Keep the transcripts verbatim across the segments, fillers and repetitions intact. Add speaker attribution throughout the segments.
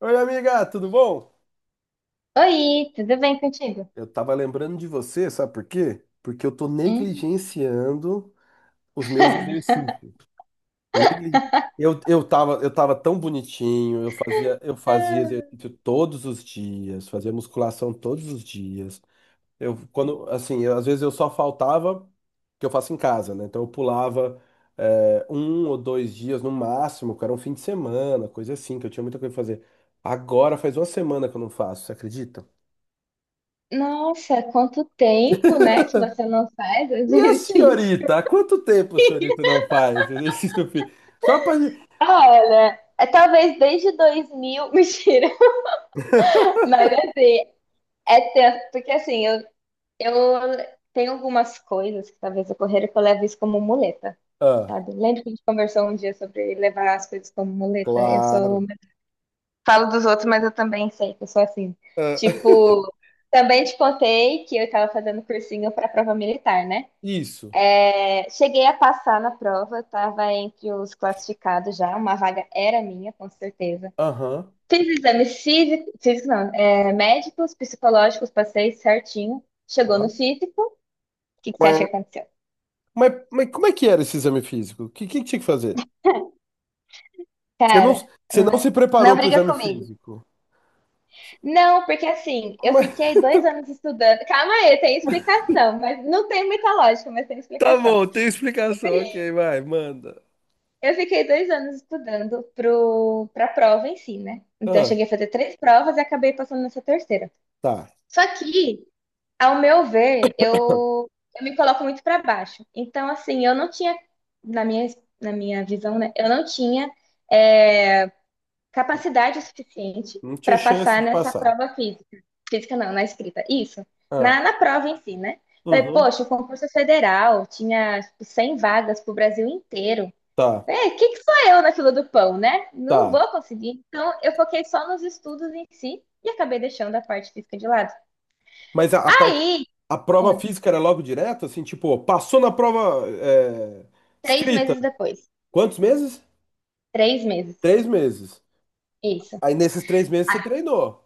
Speaker 1: Oi, amiga, tudo bom?
Speaker 2: Oi, tudo bem contigo?
Speaker 1: Eu tava lembrando de você, sabe por quê? Porque eu tô
Speaker 2: Hum?
Speaker 1: negligenciando os meus exercícios. Negli... Eu, eu tava, eu tava tão bonitinho, eu fazia, eu fazia exercício todos os dias, fazia musculação todos os dias. Eu, quando, assim, eu- às vezes eu só faltava que eu faço em casa, né? Então eu pulava é, um ou dois dias no máximo, que era um fim de semana, coisa assim, que eu tinha muita coisa pra fazer. Agora faz uma semana que eu não faço, você acredita?
Speaker 2: Nossa, quanto tempo, né, que você não faz
Speaker 1: E a
Speaker 2: exercício.
Speaker 1: senhorita? Há quanto tempo a senhorita não faz exercício físico? Só pra.
Speaker 2: Olha, é talvez desde dois mil, mentira, mas assim, é tempo, porque assim, eu, eu tenho algumas coisas que talvez ocorreram que eu levo isso como muleta,
Speaker 1: Ah,
Speaker 2: sabe? Lembra que a gente conversou um dia sobre levar as coisas como muleta? Eu sou
Speaker 1: claro.
Speaker 2: Falo dos outros, mas eu também sei que eu sou assim.
Speaker 1: Ah,
Speaker 2: Tipo, também te contei que eu tava fazendo cursinho pra prova militar, né?
Speaker 1: isso.
Speaker 2: É, cheguei a passar na prova, eu tava entre os classificados já, uma vaga era minha, com certeza.
Speaker 1: Aham.
Speaker 2: Fiz exames físicos, físico não, é, médicos, psicológicos, passei certinho. Chegou
Speaker 1: Tá.
Speaker 2: no físico, o que que você acha que
Speaker 1: Quá.
Speaker 2: aconteceu?
Speaker 1: Mas, mas como é que era esse exame físico? O que, que tinha que fazer? Você não,
Speaker 2: Cara,
Speaker 1: você não
Speaker 2: n-
Speaker 1: se
Speaker 2: não,
Speaker 1: preparou para o
Speaker 2: briga
Speaker 1: exame
Speaker 2: comigo.
Speaker 1: físico.
Speaker 2: Não, porque assim, eu
Speaker 1: Mas
Speaker 2: fiquei dois anos estudando. Calma aí, tem explicação, mas não tem muita lógica, mas tem
Speaker 1: tá
Speaker 2: explicação.
Speaker 1: bom, tem explicação. Ok, vai, manda.
Speaker 2: Eu fiquei dois anos estudando pro, pra prova em si, né? Então eu
Speaker 1: Ah,
Speaker 2: cheguei a fazer três provas e acabei passando nessa terceira.
Speaker 1: tá.
Speaker 2: Só que, ao meu ver, eu, eu me coloco muito para baixo. Então, assim, eu não tinha, na minha, na minha visão, né? Eu não tinha. é, capacidade suficiente
Speaker 1: Não tinha
Speaker 2: para
Speaker 1: chance
Speaker 2: passar
Speaker 1: de
Speaker 2: nessa
Speaker 1: passar.
Speaker 2: prova física. Física não, na escrita. Isso.
Speaker 1: Ah,
Speaker 2: Na, na prova em si, né? Falei,
Speaker 1: uhum.
Speaker 2: poxa, o concurso é federal tinha tipo, cem vagas para o Brasil inteiro.
Speaker 1: Tá,
Speaker 2: É, que que sou eu na fila do pão, né? Não
Speaker 1: tá.
Speaker 2: vou conseguir. Então, eu foquei só nos estudos em si e acabei deixando a parte física de lado.
Speaker 1: Mas a, a parte,
Speaker 2: Aí,
Speaker 1: a prova
Speaker 2: ó,
Speaker 1: física era logo direto, assim, tipo, passou na prova é,
Speaker 2: três
Speaker 1: escrita.
Speaker 2: meses depois,
Speaker 1: Quantos meses?
Speaker 2: três meses,
Speaker 1: Três meses.
Speaker 2: isso.
Speaker 1: Aí nesses três meses você treinou.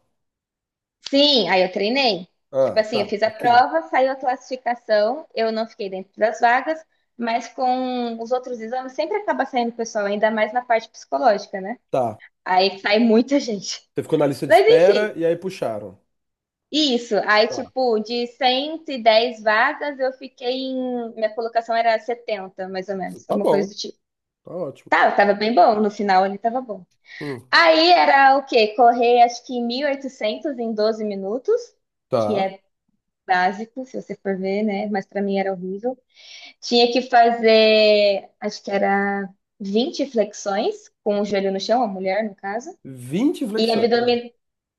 Speaker 2: Sim, aí eu treinei. Tipo
Speaker 1: Ah,
Speaker 2: assim, eu
Speaker 1: tá,
Speaker 2: fiz a
Speaker 1: ok.
Speaker 2: prova, saiu a classificação, eu não fiquei dentro das vagas, mas com os outros exames sempre acaba saindo pessoal, ainda mais na parte psicológica, né?
Speaker 1: Tá.
Speaker 2: Aí sai muita gente.
Speaker 1: Você ficou na lista de
Speaker 2: Mas
Speaker 1: espera
Speaker 2: enfim,
Speaker 1: e aí puxaram.
Speaker 2: isso. Aí,
Speaker 1: Tá,
Speaker 2: tipo, de cento e dez vagas, eu fiquei em. Minha colocação era setenta mais ou menos,
Speaker 1: tá
Speaker 2: alguma coisa
Speaker 1: bom,
Speaker 2: do tipo.
Speaker 1: tá ótimo.
Speaker 2: Tá, eu tava bem bom, no final ele tava bom.
Speaker 1: Hum,
Speaker 2: Aí era o quê? Correr acho que mil e oitocentos em doze minutos, que
Speaker 1: tá.
Speaker 2: é básico, se você for ver, né? Mas para mim era horrível. Tinha que fazer, acho que era vinte flexões com o joelho no chão, a mulher, no caso.
Speaker 1: vinte
Speaker 2: E,
Speaker 1: flexões. Ah,
Speaker 2: abdomi-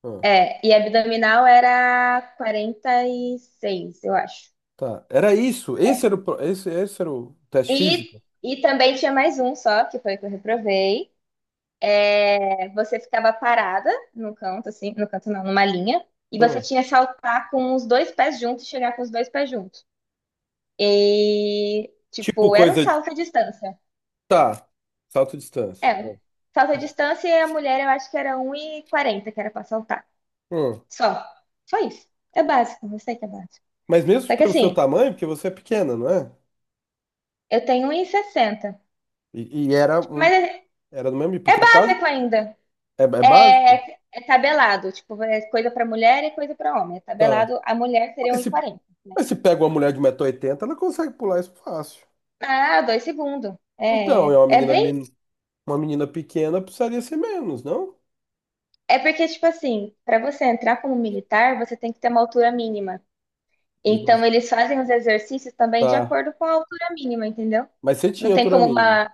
Speaker 1: ah,
Speaker 2: é, e abdominal era quarenta e seis eu acho.
Speaker 1: tá. Era isso. Esse era o, pro- esse, esse era o teste
Speaker 2: E,
Speaker 1: físico?
Speaker 2: e também tinha mais um só, que foi o que eu reprovei. É, você ficava parada no canto, assim, no canto não, numa linha. E
Speaker 1: Ah,
Speaker 2: você tinha que saltar com os dois pés juntos e chegar com os dois pés juntos. E,
Speaker 1: tipo
Speaker 2: tipo, era um
Speaker 1: coisa. de-
Speaker 2: salto à distância.
Speaker 1: Tá. Salto distância.
Speaker 2: É, salto à distância e a mulher eu acho que era um e quarenta que era pra saltar.
Speaker 1: Hum.
Speaker 2: Só. Só isso. É básico, eu sei que é básico.
Speaker 1: Mas mesmo
Speaker 2: Só que
Speaker 1: pelo seu
Speaker 2: assim,
Speaker 1: tamanho, porque você é pequena, não é?
Speaker 2: eu tenho um 1,60.
Speaker 1: E, e era,
Speaker 2: Tipo,
Speaker 1: um,
Speaker 2: mas é,
Speaker 1: era do mesmo
Speaker 2: é
Speaker 1: porque é quase.
Speaker 2: básico ainda.
Speaker 1: É, é
Speaker 2: É,
Speaker 1: básico?
Speaker 2: é tabelado, tipo, é coisa pra mulher e coisa pra homem. É
Speaker 1: Tá.
Speaker 2: tabelado, a mulher seria um
Speaker 1: Mas
Speaker 2: e
Speaker 1: se,
Speaker 2: quarenta, né?
Speaker 1: mas se pega uma mulher de 180 oitenta, ela consegue pular isso fácil.
Speaker 2: Ah, dois segundos. É,
Speaker 1: Então, é uma
Speaker 2: é
Speaker 1: menina, men-
Speaker 2: bem.
Speaker 1: uma menina pequena, precisaria ser menos, não?
Speaker 2: É porque, tipo assim, pra você entrar como militar, você tem que ter uma altura mínima.
Speaker 1: E você-
Speaker 2: Então, eles fazem os exercícios também de
Speaker 1: tá.
Speaker 2: acordo com a altura mínima, entendeu?
Speaker 1: Mas você
Speaker 2: Não
Speaker 1: tinha
Speaker 2: tem
Speaker 1: altura
Speaker 2: como
Speaker 1: mínima.
Speaker 2: uma.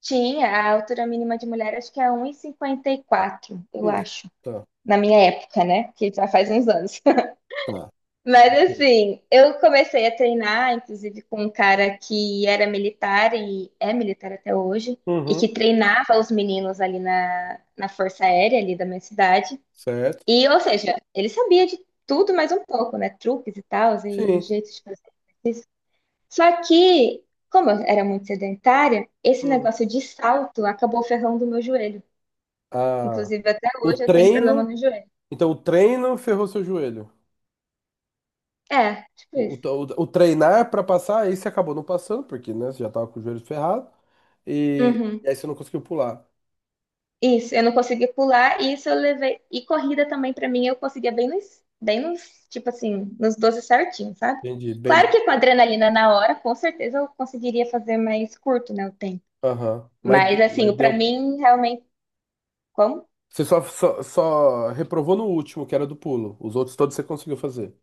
Speaker 2: Tinha, a altura mínima de mulher acho que é um e cinquenta e quatro, eu
Speaker 1: Hum,
Speaker 2: acho.
Speaker 1: tá,
Speaker 2: Na minha época, né? Que já faz uns anos.
Speaker 1: tá.
Speaker 2: Mas
Speaker 1: Ok.
Speaker 2: assim, eu comecei a treinar, inclusive, com um cara que era militar e é militar até hoje, e que
Speaker 1: Uhum,
Speaker 2: treinava os meninos ali na, na Força Aérea, ali da minha cidade.
Speaker 1: certo.
Speaker 2: E, ou seja, ele sabia de tudo mais um pouco, né? Truques e tal, e
Speaker 1: Sim.
Speaker 2: jeitos de fazer exercício. Só que, como eu era muito sedentária, esse
Speaker 1: Hum.
Speaker 2: negócio de salto acabou ferrando o meu joelho.
Speaker 1: Ah,
Speaker 2: Inclusive, até
Speaker 1: o
Speaker 2: hoje eu tenho problema
Speaker 1: treino.
Speaker 2: no joelho.
Speaker 1: Então, o treino ferrou seu joelho.
Speaker 2: É, tipo
Speaker 1: O,
Speaker 2: isso.
Speaker 1: o, o- treinar pra passar, aí você acabou não passando, porque, né, você já tava com o joelho ferrado, e,
Speaker 2: Uhum.
Speaker 1: e aí você não conseguiu pular.
Speaker 2: Isso, eu não consegui pular, e isso eu levei. E corrida também, pra mim, eu conseguia bem nos, bem nos, tipo assim, nos doze certinhos, sabe?
Speaker 1: Entendi,
Speaker 2: Claro
Speaker 1: bem,
Speaker 2: que com a adrenalina na hora, com certeza eu conseguiria fazer mais curto, né, o tempo.
Speaker 1: aham. Mas,
Speaker 2: Mas,
Speaker 1: mas
Speaker 2: assim, pra
Speaker 1: deu,
Speaker 2: mim, realmente, como
Speaker 1: você só, só, só reprovou no último, que era do pulo. Os outros todos você conseguiu fazer.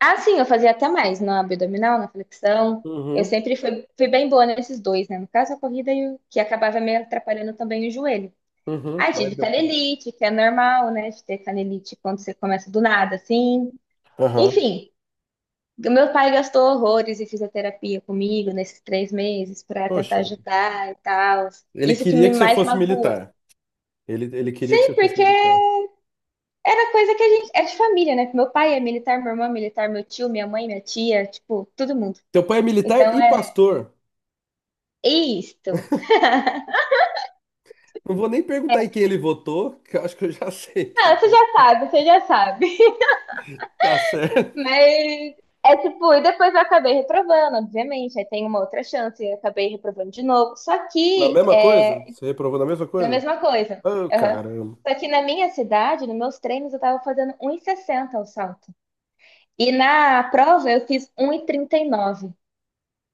Speaker 2: Ah, sim, eu fazia até mais na abdominal, na flexão. Eu
Speaker 1: Uhum,
Speaker 2: sempre fui, fui bem boa nesses dois, né? No caso, a corrida e o que acabava me atrapalhando também o joelho.
Speaker 1: uhum,
Speaker 2: Aí
Speaker 1: mas
Speaker 2: tive
Speaker 1: deu.
Speaker 2: canelite, que é normal, né? De ter canelite quando você começa do nada, assim.
Speaker 1: Aham.
Speaker 2: Enfim, o meu pai gastou horrores em fisioterapia comigo nesses três meses para tentar
Speaker 1: Poxa,
Speaker 2: ajudar e tal.
Speaker 1: ele
Speaker 2: Isso que
Speaker 1: queria
Speaker 2: me
Speaker 1: que você
Speaker 2: mais
Speaker 1: fosse
Speaker 2: magoou.
Speaker 1: militar. Ele, ele queria que
Speaker 2: Sim,
Speaker 1: você fosse
Speaker 2: porque
Speaker 1: militar.
Speaker 2: era coisa que a gente. É de família, né? Meu pai é militar, minha irmã é militar, meu tio, minha mãe, minha tia, tipo, todo mundo.
Speaker 1: Teu pai é militar
Speaker 2: Então,
Speaker 1: e pastor.
Speaker 2: é isto.
Speaker 1: Não vou nem perguntar em quem ele votou, que eu acho que eu já sei que ele
Speaker 2: Não, você já sabe, você já sabe.
Speaker 1: tá certo.
Speaker 2: Mas é tipo, e depois eu acabei reprovando, obviamente. Aí tem uma outra chance, eu acabei reprovando de novo. Só
Speaker 1: Na
Speaker 2: que
Speaker 1: mesma coisa?
Speaker 2: é
Speaker 1: Você reprovou na mesma
Speaker 2: a
Speaker 1: coisa?
Speaker 2: mesma coisa.
Speaker 1: Ah,
Speaker 2: Aham.
Speaker 1: caramba.
Speaker 2: Só que na minha cidade, nos meus treinos, eu tava fazendo um e sessenta o salto. E na prova eu fiz um e e trinta e nove.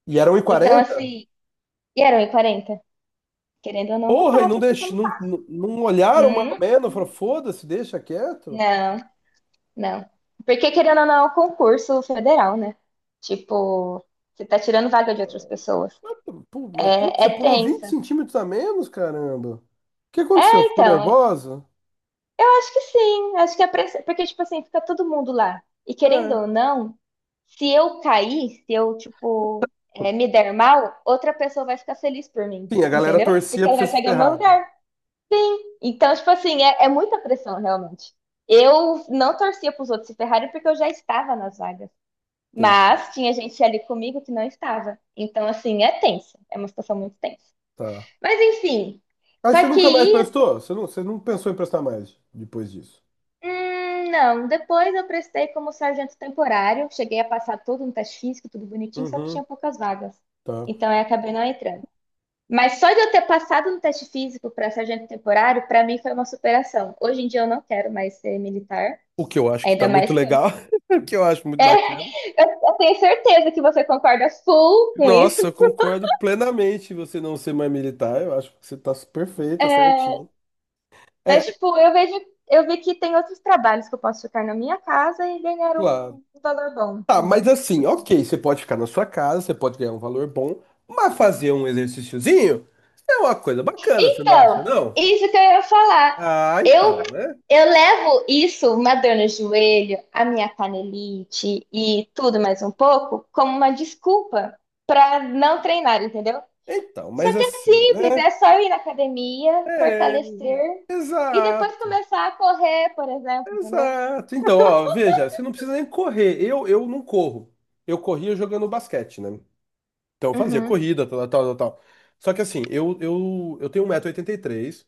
Speaker 1: E era um e
Speaker 2: Então,
Speaker 1: quarenta.
Speaker 2: assim, e era um e quarenta. Querendo ou não, não
Speaker 1: Porra, e não,
Speaker 2: passa, porque eu
Speaker 1: deix...
Speaker 2: não
Speaker 1: não,
Speaker 2: passo.
Speaker 1: não não olharam mais ou
Speaker 2: Hum,
Speaker 1: menos? Falaram, foda-se, deixa quieto?
Speaker 2: não. Não. Porque, querendo ou não, é um concurso federal, né? Tipo, você tá tirando vaga de outras pessoas.
Speaker 1: Mas, pu- mas, putz,
Speaker 2: É,
Speaker 1: você
Speaker 2: é
Speaker 1: pulou vinte
Speaker 2: tensa.
Speaker 1: centímetros a menos, caramba. O que aconteceu? Ficou
Speaker 2: Então,
Speaker 1: nervosa?
Speaker 2: eu acho que sim. Acho que a pressão. Porque, tipo assim, fica todo mundo lá. E querendo
Speaker 1: É.
Speaker 2: ou não, se eu cair, se eu, tipo, é, me der mal, outra pessoa vai ficar feliz por mim.
Speaker 1: Sim, a galera
Speaker 2: Entendeu?
Speaker 1: torcia
Speaker 2: Porque
Speaker 1: pra
Speaker 2: ela
Speaker 1: você
Speaker 2: vai
Speaker 1: se
Speaker 2: pegar o meu
Speaker 1: ferrar, né?
Speaker 2: lugar. Então, tipo assim, é, é muita pressão, realmente. Eu não torcia pros outros se ferrarem porque eu já estava nas vagas.
Speaker 1: Entendi.
Speaker 2: Mas tinha gente ali comigo que não estava. Então, assim, é tenso. É uma situação muito tensa.
Speaker 1: Tá.
Speaker 2: Mas, enfim.
Speaker 1: Aí
Speaker 2: Só
Speaker 1: você
Speaker 2: que,
Speaker 1: nunca mais prestou? Você não, você não pensou em prestar mais depois disso?
Speaker 2: hum, não. Depois eu prestei como sargento temporário. Cheguei a passar todo um teste físico, tudo bonitinho, só que
Speaker 1: Uhum,
Speaker 2: tinha poucas vagas.
Speaker 1: tá.
Speaker 2: Então, eu acabei não entrando. Mas só de eu ter passado no teste físico para sargento temporário, para mim foi uma superação. Hoje em dia eu não quero mais ser militar.
Speaker 1: O que eu acho que tá
Speaker 2: Ainda
Speaker 1: muito
Speaker 2: mais que.
Speaker 1: legal, o que eu acho muito
Speaker 2: É,
Speaker 1: bacana.
Speaker 2: eu, eu tenho certeza que você concorda full com isso.
Speaker 1: Nossa, eu concordo plenamente em você não ser mais militar. Eu acho que você tá perfeita,
Speaker 2: É,
Speaker 1: certinho. É,
Speaker 2: mas, tipo, eu vejo, eu vi que tem outros trabalhos que eu posso ficar na minha casa e ganhar
Speaker 1: claro.
Speaker 2: um, um valor bom,
Speaker 1: Tá, mas
Speaker 2: entendeu?
Speaker 1: assim, ok, você pode ficar na sua casa, você pode ganhar um valor bom, mas fazer um exercíciozinho é uma coisa bacana, você não acha,
Speaker 2: Então,
Speaker 1: não?
Speaker 2: isso que eu ia falar.
Speaker 1: Ah,
Speaker 2: Eu,
Speaker 1: então, né?
Speaker 2: eu levo isso, uma dor no joelho, a minha canelite e tudo mais um pouco, como uma desculpa para não treinar, entendeu?
Speaker 1: Então,
Speaker 2: Só
Speaker 1: mas
Speaker 2: que é
Speaker 1: assim,
Speaker 2: simples,
Speaker 1: né?
Speaker 2: é só ir na academia,
Speaker 1: É,
Speaker 2: fortalecer e depois
Speaker 1: exato,
Speaker 2: começar a correr, por exemplo, entendeu?
Speaker 1: exato. Então, ó, veja, você não precisa nem correr. Eu, eu não corro. Eu corria jogando basquete, né? Então eu fazia
Speaker 2: Uhum.
Speaker 1: corrida, tal, tal, tal, tal. Só que assim, eu, eu, eu tenho um e oitenta e três metros e oitenta e três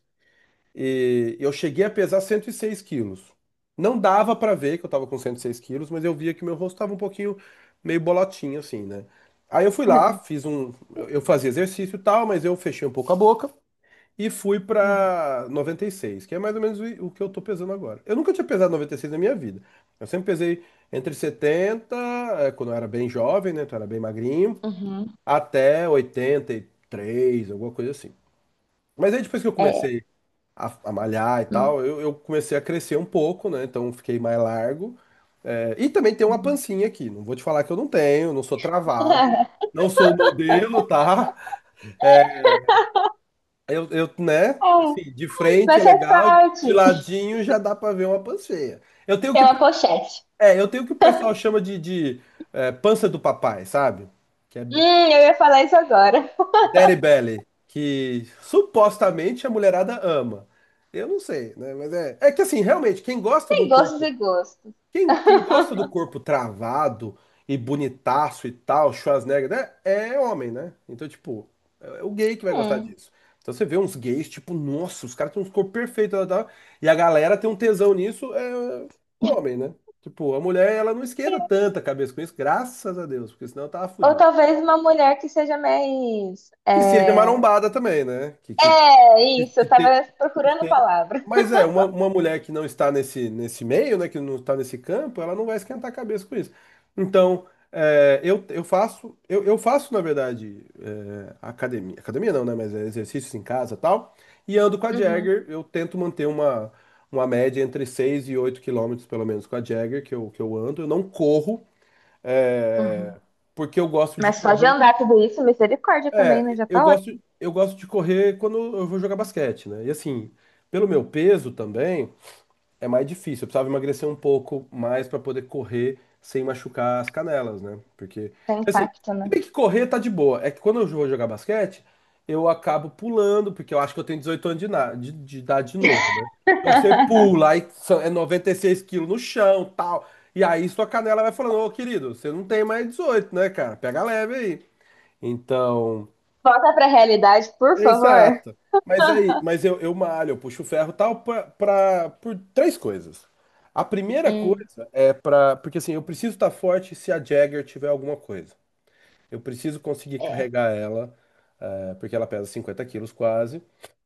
Speaker 1: e eu cheguei a pesar cento e seis quilos. Não dava pra ver que eu tava com cento e seis quilos, mas eu via que meu rosto tava um pouquinho meio bolotinho, assim, né? Aí eu fui lá, fiz um. Eu eu fazia exercício e tal, mas eu fechei um pouco a boca e fui
Speaker 2: Uhum.
Speaker 1: pra noventa e seis, que é mais ou menos o o que eu tô pesando agora. Eu nunca tinha pesado noventa e seis na minha vida. Eu sempre pesei entre setenta, eh, quando eu era bem jovem, né? Então eu era bem magrinho.
Speaker 2: Uhum.
Speaker 1: Até oitenta e três, alguma coisa assim. Mas aí depois que eu
Speaker 2: É.
Speaker 1: comecei a, a malhar e tal, eu, eu comecei a crescer um pouco, né? Então fiquei mais largo. É, e também tem uma
Speaker 2: Uhum.
Speaker 1: pancinha aqui. Não vou te falar que eu não tenho, não sou travado, não sou modelo, tá? Eu, eu, né?
Speaker 2: É,
Speaker 1: Assim, de frente é
Speaker 2: mas faz
Speaker 1: legal, de
Speaker 2: parte.
Speaker 1: ladinho já dá pra ver uma panceia. Eu tenho o
Speaker 2: É
Speaker 1: que, o
Speaker 2: uma
Speaker 1: pe-
Speaker 2: pochete.
Speaker 1: é, eu tenho o que o pessoal chama de, de, é, pança do papai, sabe? Que é
Speaker 2: Hum, eu ia falar isso agora.
Speaker 1: Daddy Belly, que supostamente a mulherada ama. Eu não sei, né? Mas é, é que assim, realmente, quem gosta de
Speaker 2: Tem
Speaker 1: um
Speaker 2: gostos
Speaker 1: corpo,
Speaker 2: e gostos.
Speaker 1: quem, quem gosta do corpo travado e bonitaço e tal, Schwarzenegger, né? É homem, né? Então, tipo, é o gay que vai gostar
Speaker 2: Hum.
Speaker 1: disso. Então você vê uns gays, tipo, nossa, os caras têm uns corpos perfeitos, tal, tal, tal, e a galera tem um tesão nisso, é homem, né? Tipo, a mulher, ela não esquenta tanta cabeça com isso, graças a Deus, porque senão eu tava
Speaker 2: Ou
Speaker 1: fudido.
Speaker 2: talvez uma mulher que seja mais.
Speaker 1: Que seja
Speaker 2: É,
Speaker 1: marombada também, né? Que, que
Speaker 2: é
Speaker 1: de-
Speaker 2: isso,
Speaker 1: de
Speaker 2: eu tava
Speaker 1: ter- de
Speaker 2: procurando a
Speaker 1: ter-
Speaker 2: palavra.
Speaker 1: Mas é, uma, uma mulher que não está nesse, nesse meio, né, que não está nesse campo, ela não vai esquentar a cabeça com isso. Então, é, eu, eu faço, eu, eu faço, na verdade, é, academia, academia não, né, mas é exercícios em casa e tal, e ando com a
Speaker 2: Uhum,
Speaker 1: Jagger, eu tento manter uma, uma média entre seis e oito quilômetros, pelo menos, com a Jagger, que eu, que eu ando, eu não corro,
Speaker 2: uhum.
Speaker 1: é, porque eu gosto de
Speaker 2: Mas só de
Speaker 1: correr.
Speaker 2: andar tudo isso, misericórdia também, né?
Speaker 1: É,
Speaker 2: Já
Speaker 1: eu
Speaker 2: tá
Speaker 1: gosto,
Speaker 2: ótimo.
Speaker 1: eu gosto de correr quando eu vou jogar basquete, né? E assim, pelo meu peso também, é mais difícil. Eu precisava emagrecer um pouco mais pra poder correr sem machucar as canelas, né? Porque,
Speaker 2: Tem
Speaker 1: assim,
Speaker 2: impacto,
Speaker 1: se
Speaker 2: né?
Speaker 1: bem que correr tá de boa. É que quando eu vou jogar basquete, eu acabo pulando, porque eu acho que eu tenho dezoito anos de, na- de- de idade de novo, né? Então você pula, aí são- é noventa e seis quilos no chão, tal. E aí sua canela vai falando, ô querido, você não tem mais dezoito, né, cara? Pega leve aí. Então.
Speaker 2: Volta pra realidade, por favor.
Speaker 1: Exato. Mas aí, mas eu, eu malho, eu puxo ferro e tal pra, pra- por três coisas. A primeira
Speaker 2: Hum,
Speaker 1: coisa é pra. Porque assim, eu preciso estar forte se a Jagger tiver alguma coisa. Eu preciso conseguir
Speaker 2: é.
Speaker 1: carregar ela, eh, porque ela pesa cinquenta quilos quase.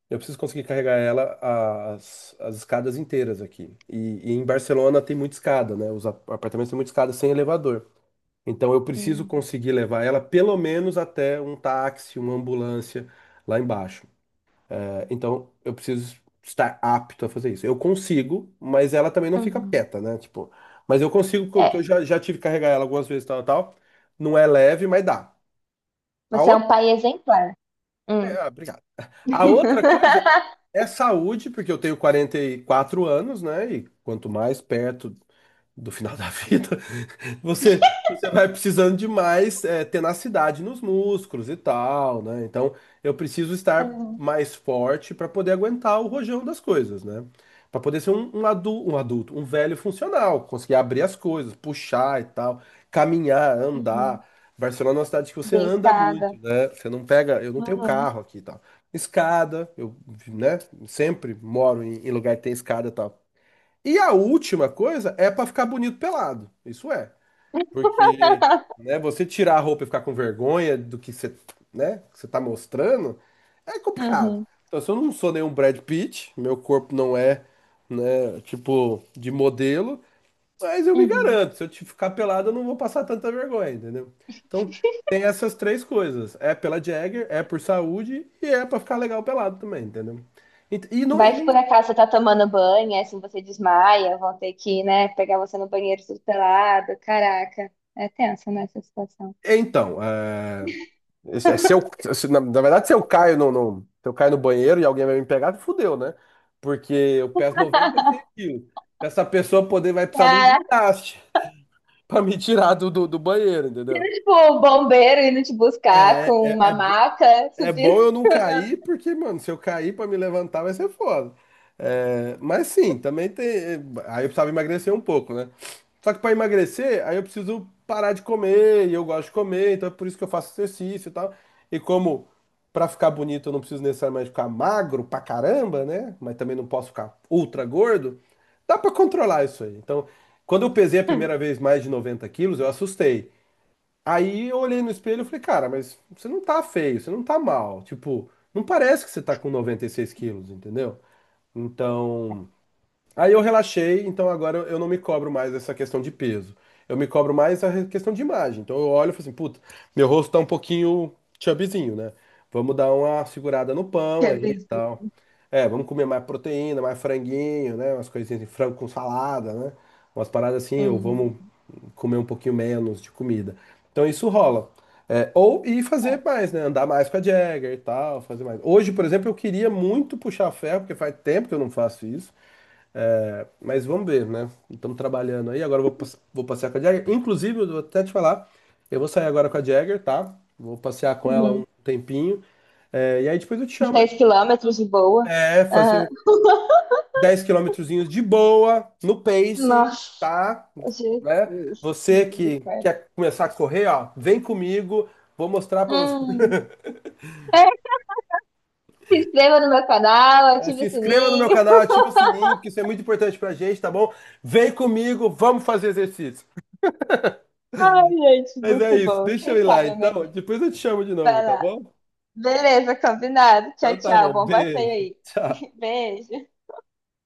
Speaker 1: Eu preciso conseguir carregar ela as, as escadas inteiras aqui. E, e em Barcelona tem muita escada, né? Os ap- apartamentos têm muita escada sem elevador. Então eu preciso
Speaker 2: Hum,
Speaker 1: conseguir levar ela pelo menos até um táxi, uma ambulância lá embaixo. Então eu preciso estar apto a fazer isso. Eu consigo, mas ela também não fica
Speaker 2: uhum.
Speaker 1: quieta, né? Tipo, mas eu consigo, porque eu
Speaker 2: É,
Speaker 1: já, já tive que carregar ela algumas vezes, tal, tal. Não é leve, mas dá. A
Speaker 2: você é
Speaker 1: outra,
Speaker 2: um pai exemplar. Hum.
Speaker 1: é, ah, obrigado. A outra coisa é saúde, porque eu tenho quarenta e quatro anos, né? E quanto mais perto do final da vida, você, você vai precisando de mais eh, tenacidade nos músculos e tal, né? Então, eu preciso estar
Speaker 2: Uhum,
Speaker 1: mais forte para poder aguentar o rojão das coisas, né? Para poder ser um, um, adu- um adulto, um velho funcional, conseguir abrir as coisas, puxar e tal, caminhar,
Speaker 2: uhum,
Speaker 1: andar. Barcelona é uma cidade que você anda
Speaker 2: beliscada.
Speaker 1: muito, né? Você não pega, eu não tenho
Speaker 2: Uhum,
Speaker 1: carro aqui e tal. Escada, eu, né? Sempre moro em, em lugar que tem escada e tal. E a última coisa é para ficar bonito pelado. Isso é. Porque, né, você tirar a roupa e ficar com vergonha do que você, né, que você tá mostrando, é complicado.
Speaker 2: uhum,
Speaker 1: Então, se eu não sou nenhum Brad Pitt, meu corpo não é, né, tipo, de modelo, mas eu me
Speaker 2: uhum.
Speaker 1: garanto, se eu te ficar pelado, eu não vou passar tanta vergonha, entendeu? Então, tem essas três coisas. É pela Jagger, é por saúde e é pra ficar legal pelado também, entendeu? E, e não, e
Speaker 2: Vai que por
Speaker 1: não...
Speaker 2: acaso você tá tomando banho, aí assim você desmaia, vão ter que, né, pegar você no banheiro tudo pelado. Caraca, é tensa nessa situação.
Speaker 1: Então, é, Esse- é, Se eu, se- na, na verdade, se eu caio no, no- se eu caio no banheiro e alguém vai me pegar, fudeu, né? Porque eu peso noventa e seis quilos. Pra essa pessoa poder vai precisar de um
Speaker 2: Caraca,
Speaker 1: guindaste pra me tirar do, do, do banheiro, entendeu?
Speaker 2: tipo, o bombeiro indo te buscar
Speaker 1: É,
Speaker 2: com
Speaker 1: é,
Speaker 2: uma
Speaker 1: é, bo-
Speaker 2: maca,
Speaker 1: É
Speaker 2: subindo.
Speaker 1: bom eu não cair, porque, mano, se eu cair pra me levantar vai ser foda. É, mas sim, também tem. Aí eu precisava emagrecer um pouco, né? Só que pra emagrecer, aí eu preciso parar de comer, e eu gosto de comer, então é por isso que eu faço exercício e tal. E como pra ficar bonito eu não preciso necessariamente ficar magro pra caramba, né? Mas também não posso ficar ultra gordo, dá pra controlar isso aí. Então, quando eu pesei a primeira vez mais de noventa quilos, eu assustei. Aí eu olhei no espelho e falei, cara, mas você não tá feio, você não tá mal. Tipo, não parece que você tá com noventa e seis quilos, entendeu? Então, aí eu relaxei, então agora eu não me cobro mais essa questão de peso. Eu me cobro mais a re- questão de imagem. Então eu olho e falo assim, puta, meu rosto tá um pouquinho chubbyzinho, né? Vamos dar uma segurada no pão
Speaker 2: Que
Speaker 1: aí e
Speaker 2: bizarro.
Speaker 1: tal. É, vamos comer mais proteína, mais franguinho, né? Umas coisinhas de frango com salada, né? Umas paradas assim, ou
Speaker 2: Uhum.
Speaker 1: vamos comer um pouquinho menos de comida. Então isso rola. É, ou e fazer mais, né? Andar mais com a Jagger e tal, fazer mais. Hoje, por exemplo, eu queria muito puxar ferro, porque faz tempo que eu não faço isso. Mas vamos ver, né? Estamos trabalhando aí. Agora eu vou, passe- vou passear com a Jagger. Inclusive, eu vou até te falar, eu vou sair agora com a Jagger, tá? Vou passear com ela um
Speaker 2: Uhum.
Speaker 1: tempinho. É, e aí depois eu te
Speaker 2: Uns
Speaker 1: chamo.
Speaker 2: dez quilômetros de boa.
Speaker 1: É,
Speaker 2: Aham.
Speaker 1: fazer. Dez quilômetrozinhos de boa, no pacing,
Speaker 2: Nossa,
Speaker 1: tá? Né?
Speaker 2: Jesus.
Speaker 1: Você que
Speaker 2: Misericórdia.
Speaker 1: quer começar a correr, ó, vem comigo, vou mostrar pra você.
Speaker 2: Hum. Se inscreva no meu canal,
Speaker 1: Eh,
Speaker 2: ative
Speaker 1: Se
Speaker 2: o
Speaker 1: inscreva no meu
Speaker 2: sininho.
Speaker 1: canal, ativa o sininho, porque isso é muito importante pra gente, tá bom? Vem comigo, vamos fazer exercício.
Speaker 2: Ai, gente,
Speaker 1: Mas é
Speaker 2: muito
Speaker 1: isso,
Speaker 2: bom.
Speaker 1: deixa eu
Speaker 2: Quem
Speaker 1: ir lá
Speaker 2: sabe eu me
Speaker 1: então,
Speaker 2: animo.
Speaker 1: depois eu te chamo de novo,
Speaker 2: Vai
Speaker 1: tá
Speaker 2: lá.
Speaker 1: bom?
Speaker 2: Beleza, combinado. Tchau,
Speaker 1: Então tá
Speaker 2: tchau.
Speaker 1: bom,
Speaker 2: Bom passeio
Speaker 1: beijo,
Speaker 2: aí.
Speaker 1: tchau.
Speaker 2: Beijo.